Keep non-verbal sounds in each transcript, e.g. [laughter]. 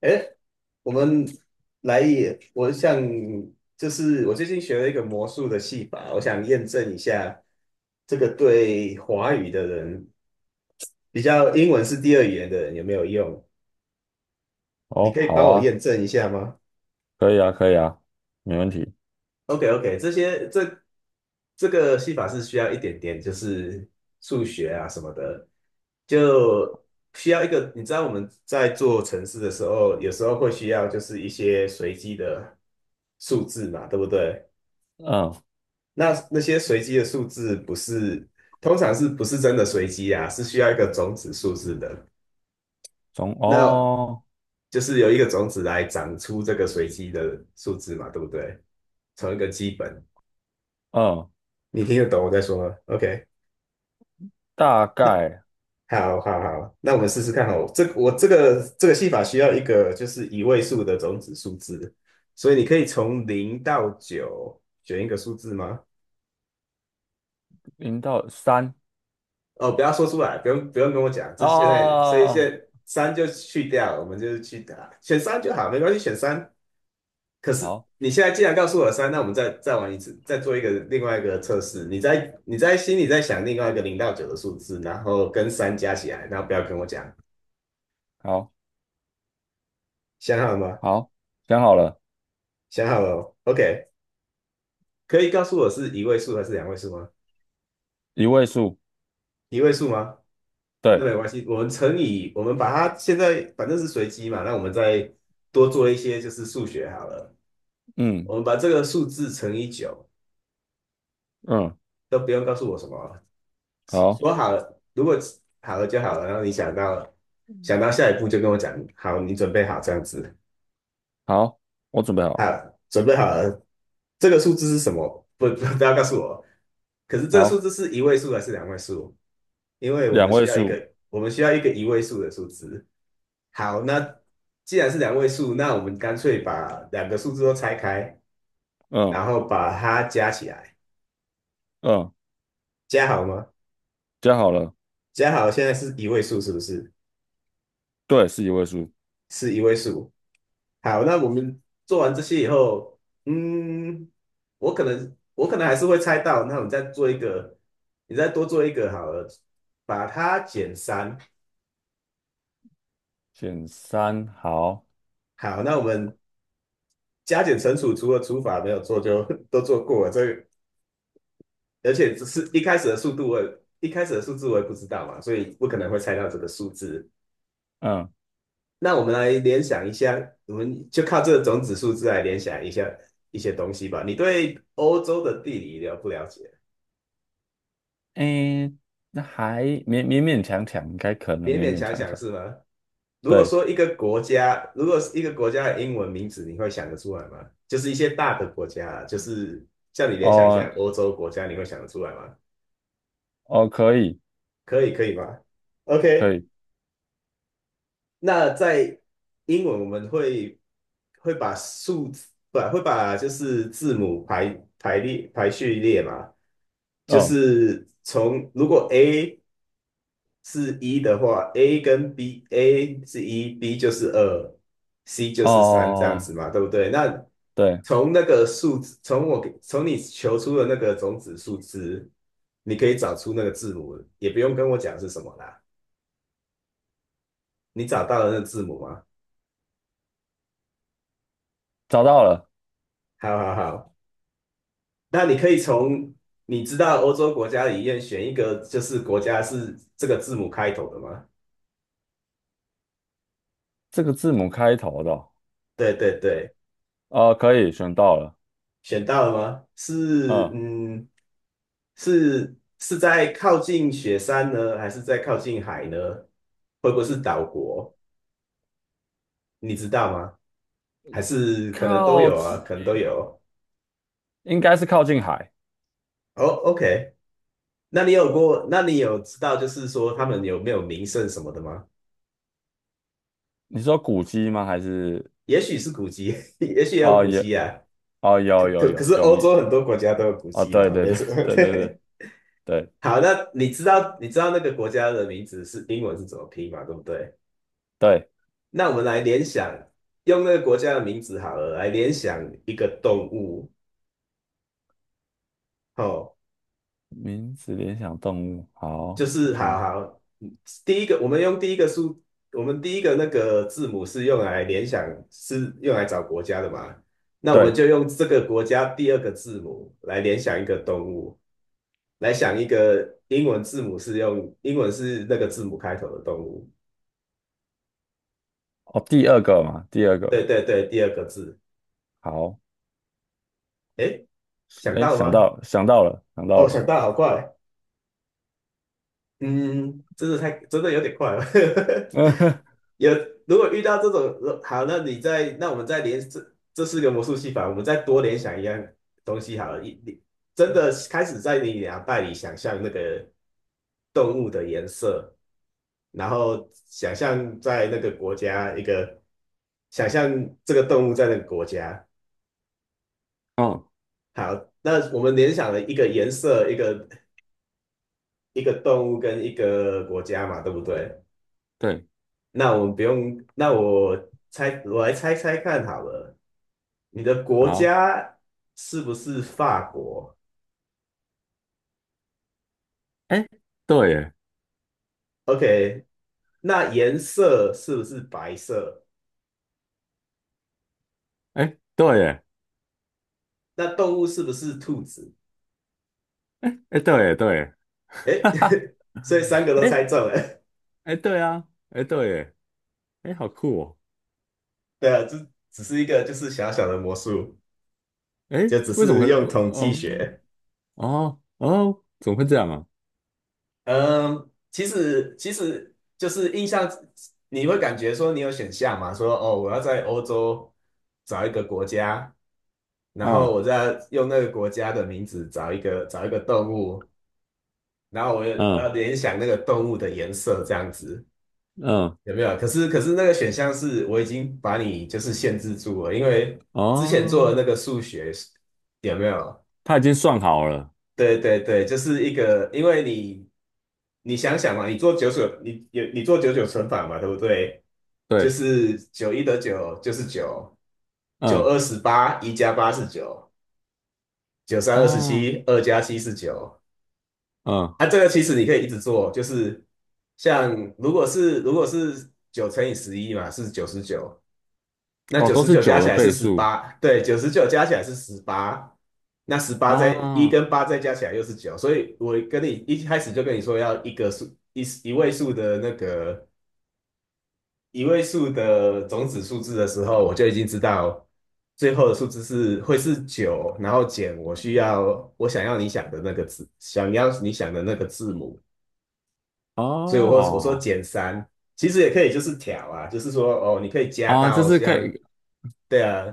哎，我们来也，我想就是我最近学了一个魔术的戏法，我想验证一下这个对华语的人，比较英文是第二语言的人有没有用？你哦，可以好帮我啊，验证一下吗可以啊，可以啊，没问题。？OK OK，这些这这个戏法是需要一点点就是数学啊什么的，就需要一个，你知道我们在做城市的时候，有时候会需要就是一些随机的数字嘛，对不对？嗯，那些随机的数字不是，通常是不是真的随机啊？是需要一个种子数字的。从那哦，就是由一个种子来长出这个随机的数字嘛，对不对？从一个基本，嗯，你听得懂我在说吗？OK，大那概好好好，那我们试试看哦。这个戏法需要一个就是一位数的种子数字，所以你可以从零到九选一个数字吗？零到三哦，不要说出来，不用跟我讲，这啊，现在所以现哦在三就去掉，我们就是去选三就好，没关系，选三。可是哦你现在既然告诉我三，那我们再玩一次，再做一个另外一个测试。你在心里在想另外一个零到九的数字，然后跟三加起来，然后不要跟我讲，好，好，想好了吗？好，想好了，想好了 o k 可以告诉我是一位数还是两位数吗？一位数，一位数吗？那对，没关系，我们乘以，我们把它现在反正是随机嘛，那我们再多做一些就是数学好了。嗯我们把这个数字乘以九，嗯，都不用告诉我什么啊好，说好了，如果好了就好了。然后你想到了，想嗯到下一步就跟我讲，好，你准备好这样子，好，我准备好，好，准备好了，这个数字是什么？不，[laughs] 不要告诉我。可是这个数好，字是一位数还是两位数？因为我两们需位要一数，个，我们需要一个一位数的数字。好，那既然是两位数，那我们干脆把两个数字都拆开，嗯然后把它加起来，嗯，加好吗？加好了，加好，现在是一位数，是不是？对，是一位数，是一位数。好，那我们做完这些以后，嗯，我可能还是会猜到，那我们再做一个，你再多做一个好了，把它减三。选三，好，好，那我们加减乘除，除了除法没有做就 [laughs] 都做过了，这个而且只是一开始的速度我也，一开始的数字我也不知道嘛，所以不可能会猜到这个数字。嗯，那我们来联想一下，我们就靠这个种子数字来联想一下一些东西吧。你对欧洲的地理了不了解？诶，那还勉勉勉强强，应该可能勉勉勉勉强强强强，是吗？如果对。说一个国家，如果是一个国家的英文名字，你会想得出来吗？就是一些大的国家啊就是叫你联想一哦，下欧洲国家，你会想得出来吗？哦，可以，可以，可以吗可？OK，以，那在英文我们会会把数字，不，会把就是字母排排列排序列嘛，就嗯，是从如果 A 是一的话，A 跟 B，A 是一，B 就是二，C 就是三这样子哦，嘛，对不对？那对，从那个数字，从我给从你求出的那个种子数字，你可以找出那个字母，也不用跟我讲是什么啦，你找到了那个字母吗？找到了，好好好。那你可以从你知道欧洲国家里面选一个，就是国家是这个字母开头的吗？这个字母开头的哦，对对对，可以选到了，选到了吗？是嗯，嗯，是是在靠近雪山呢，还是在靠近海呢？会不会是岛国？你知道吗？还是可能都靠有啊，近，可能都有。应该是靠近海。哦，OK，那你有过？那你有知道就是说他们有没有名胜什么的吗？你说古迹吗？还是也许是古迹，[laughs] 也许也有哦，古有，迹啊。哦，可有，有，可有，是有欧名，洲很多国家都有古哦，迹对，嘛，对，没对 什么。[laughs]，[laughs] 对，对，对，对，对，好，那你知道你知道那个国家的名字是英文是怎么拼嘛？对不对？对，那我们来联想，用那个国家的名字好了，来联想一个动物。哦，名字联想动物，好，就我是想一好下，好，嗯第一个我们用第一个数，我们第一个那个字母是用来联想，是用来找国家的嘛？那我们对，就用这个国家第二个字母来联想一个动物，来想一个英文字母是用英文是那个字母开头的动物。哦，第二个嘛，第二个，对对对，第二个字。好，诶，想哎，到了想吗？到，想到了，想到哦，了，想到，好快。嗯，真的太真的有点快了。[laughs] [laughs] 有如果遇到这种，好，那你再那我们再联这四个魔术戏法，我们再多联想一样东西好了。一你真的开始在你脑袋里想象那个动物的颜色，然后想象在那个国家一个，想象这个动物在那个国家。嗯，好，那我们联想了一个颜色、一个一个动物跟一个国家嘛，对不对？对，那我们不用，那我猜，我来猜猜看好了，你的国好，家是不是法国哎，对耶？OK，那颜色是不是白色？哎，对耶，那动物是不是兔子？哎哎对耶对耶，[laughs] 诶，哈哈，[laughs] 所以三个都哎猜中了。哎对啊，哎对耶，哎好酷哦，[laughs] 对啊，这只是一个就是小小的魔术，哎就只为什么是会用统计哦学。哦哦怎么会这样啊？嗯，其实其实就是印象，你会感觉说你有选项嘛？说哦，我要在欧洲找一个国家，然后啊我再用那个国家的名字找一个找一个动物，然后我要我嗯要联想那个动物的颜色这样子，嗯有没有？可是可是那个选项是我已经把你就是限制住了，因为之前做的哦，那个数学有没有？他已经算好了，对对对，就是一个，因为你你想想嘛，你做九九，你有你做九九乘法嘛，对不对？就对，是九一得九就是九，九嗯二十八，一加八是九，九三二十啊七，二加七是九。嗯啊，这个其实你可以一直做，就是像如果是如果是九乘以十一嘛，是九十九，那哦九都十是九加九的起来是倍十数八，对，九十九加起来是十八，那十八再一啊跟八再加起来又是九，所以我跟你一开始就跟你说要一个数一一位数的那个一位数的种子数字的时候，我就已经知道最后的数字是会是九，然后减我需要我想要你想的那个字，想要你想的那个字母，所以我说哦减三，其实也可以就是调啊，就是说哦，你可以加啊，就到是可像，以对啊，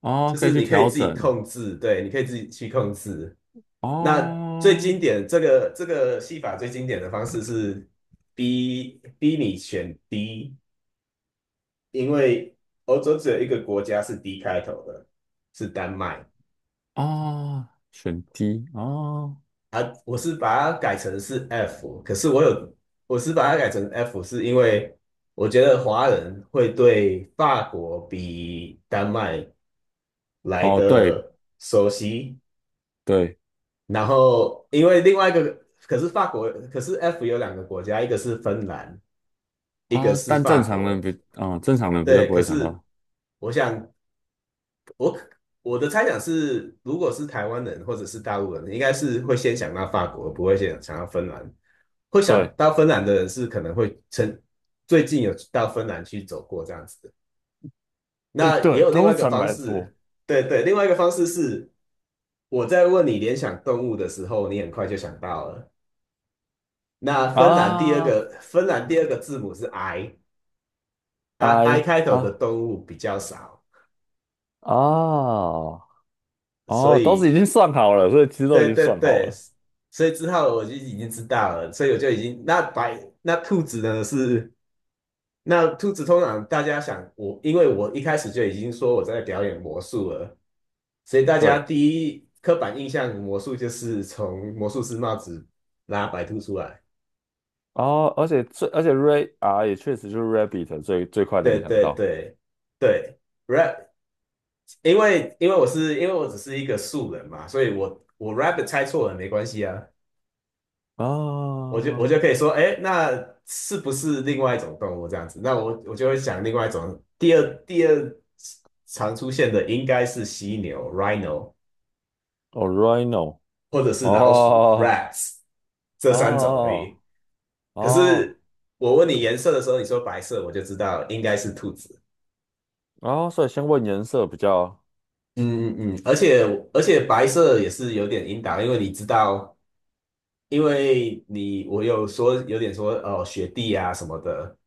哦就可以是去你可以调自己整控制，对，你可以自己去控制。那最经哦典这个这个戏法最经典的方式是逼你选 D，因为欧洲只有一个国家是 D 开头的，是丹麦。哦选 D 哦啊，我是把它改成是 F，可是我有，我是把它改成 F，是因为我觉得华人会对法国比丹麦来哦对。的熟悉，对然后因为另外一个，可是法国，可是 F 有两个国家，一个是芬兰，一个啊，是但法正常人国，比啊、正常人比较对，不可会想是到。我想我我的猜想是，如果是台湾人或者是大陆人，应该是会先想到法国，不会先想到芬兰。会想对，到芬兰的人是可能会最近有到芬兰去走过这样子的。哎，那也对，有另外通一个常方来说式，对对，另外一个方式是我在问你联想动物的时候，你很快就想到了。那芬兰第二啊，个芬兰第二个字母是 I，啊 I 哎开头的啊动物比较少，啊所哦，都是以已经算好了，所以其实都已对经对算好对，了。所以之后我就已经知道了，所以我就已经那白那兔子呢是那兔子通常大家想我，因为我一开始就已经说我在表演魔术了，所以大家对，第一刻板印象魔术就是从魔术师帽子拉白兔出来。哦，而且 Ray 啊也确实就是 Rabbit 最最快对联想对到对对，rap，因为因为我是因为我只是一个素人嘛，所以我 rabbit 猜错了没关系啊，啊我就哦可以说，哎，那是不是另外一种动物这样子？那我就会想另外一种，第二常出现的应该是犀牛 rhino。，Rhino 或者是老鼠（ 哦 （rats） 这三种而哦已。可哦是我问你颜色的时候，你说白色，我就知道应该是兔子。哦，所以先问颜色比较嗯嗯嗯，而且而且白色也是有点引导，因为你知道，因为你我有说有点说哦雪地啊什么的，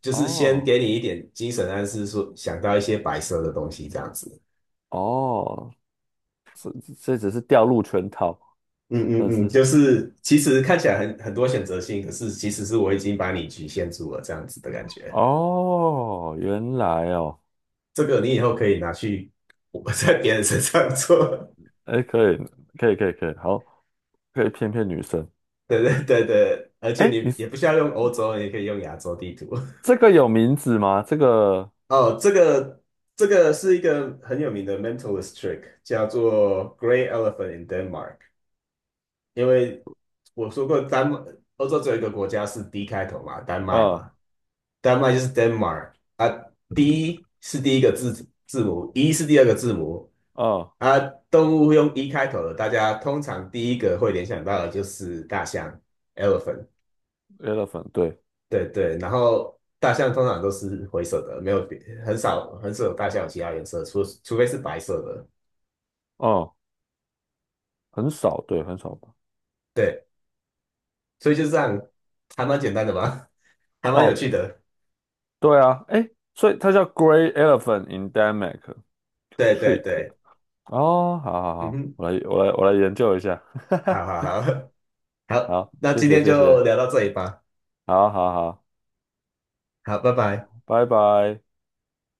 就是先哦给你一点精神暗示，说想到一些白色的东西这样子。哦，这这只是掉入圈套，嗯算嗯嗯，是。就是其实看起来很多选择性，可是其实是我已经把你局限住了这样子的感觉。哦，原来哦，这个你以后可以拿去我在别人身上做，哎，可以，可以，可以，可以，好，可以骗骗女生。[laughs] 对对对对，而且哎，你你是也不需要用欧洲，你也可以用亚洲地图。这个有名字吗？这个，[laughs] 哦，这个这个是一个很有名的 mentalist trick，叫做 Grey Elephant in Denmark。因为我说过丹麦，欧洲只有一个国家是 D 开头嘛，丹麦呃嘛，丹麦就是 Denmark 啊，D 是第一个字母，E 是第二个字母呃啊，动物用一开头的，大家通常第一个会联想到的就是大象（ （elephant）。，elephant，对，对对，然后大象通常都是灰色的，没有别很少很少有大象有其他颜色，除非是白色的。哦，很少，对，很少吧。对，所以就这样，还蛮简单的吧，[laughs] 还蛮有哦，趣的。对啊，哎，所以它叫 Grey Elephant Endemic 对对 Trick。对，哦，好好嗯好，哼，我来，我来，我来研究一好下。好好 [laughs] [laughs] 好，好，那谢今谢，天谢就谢，聊到这里吧。好好好，好，拜拜。拜拜。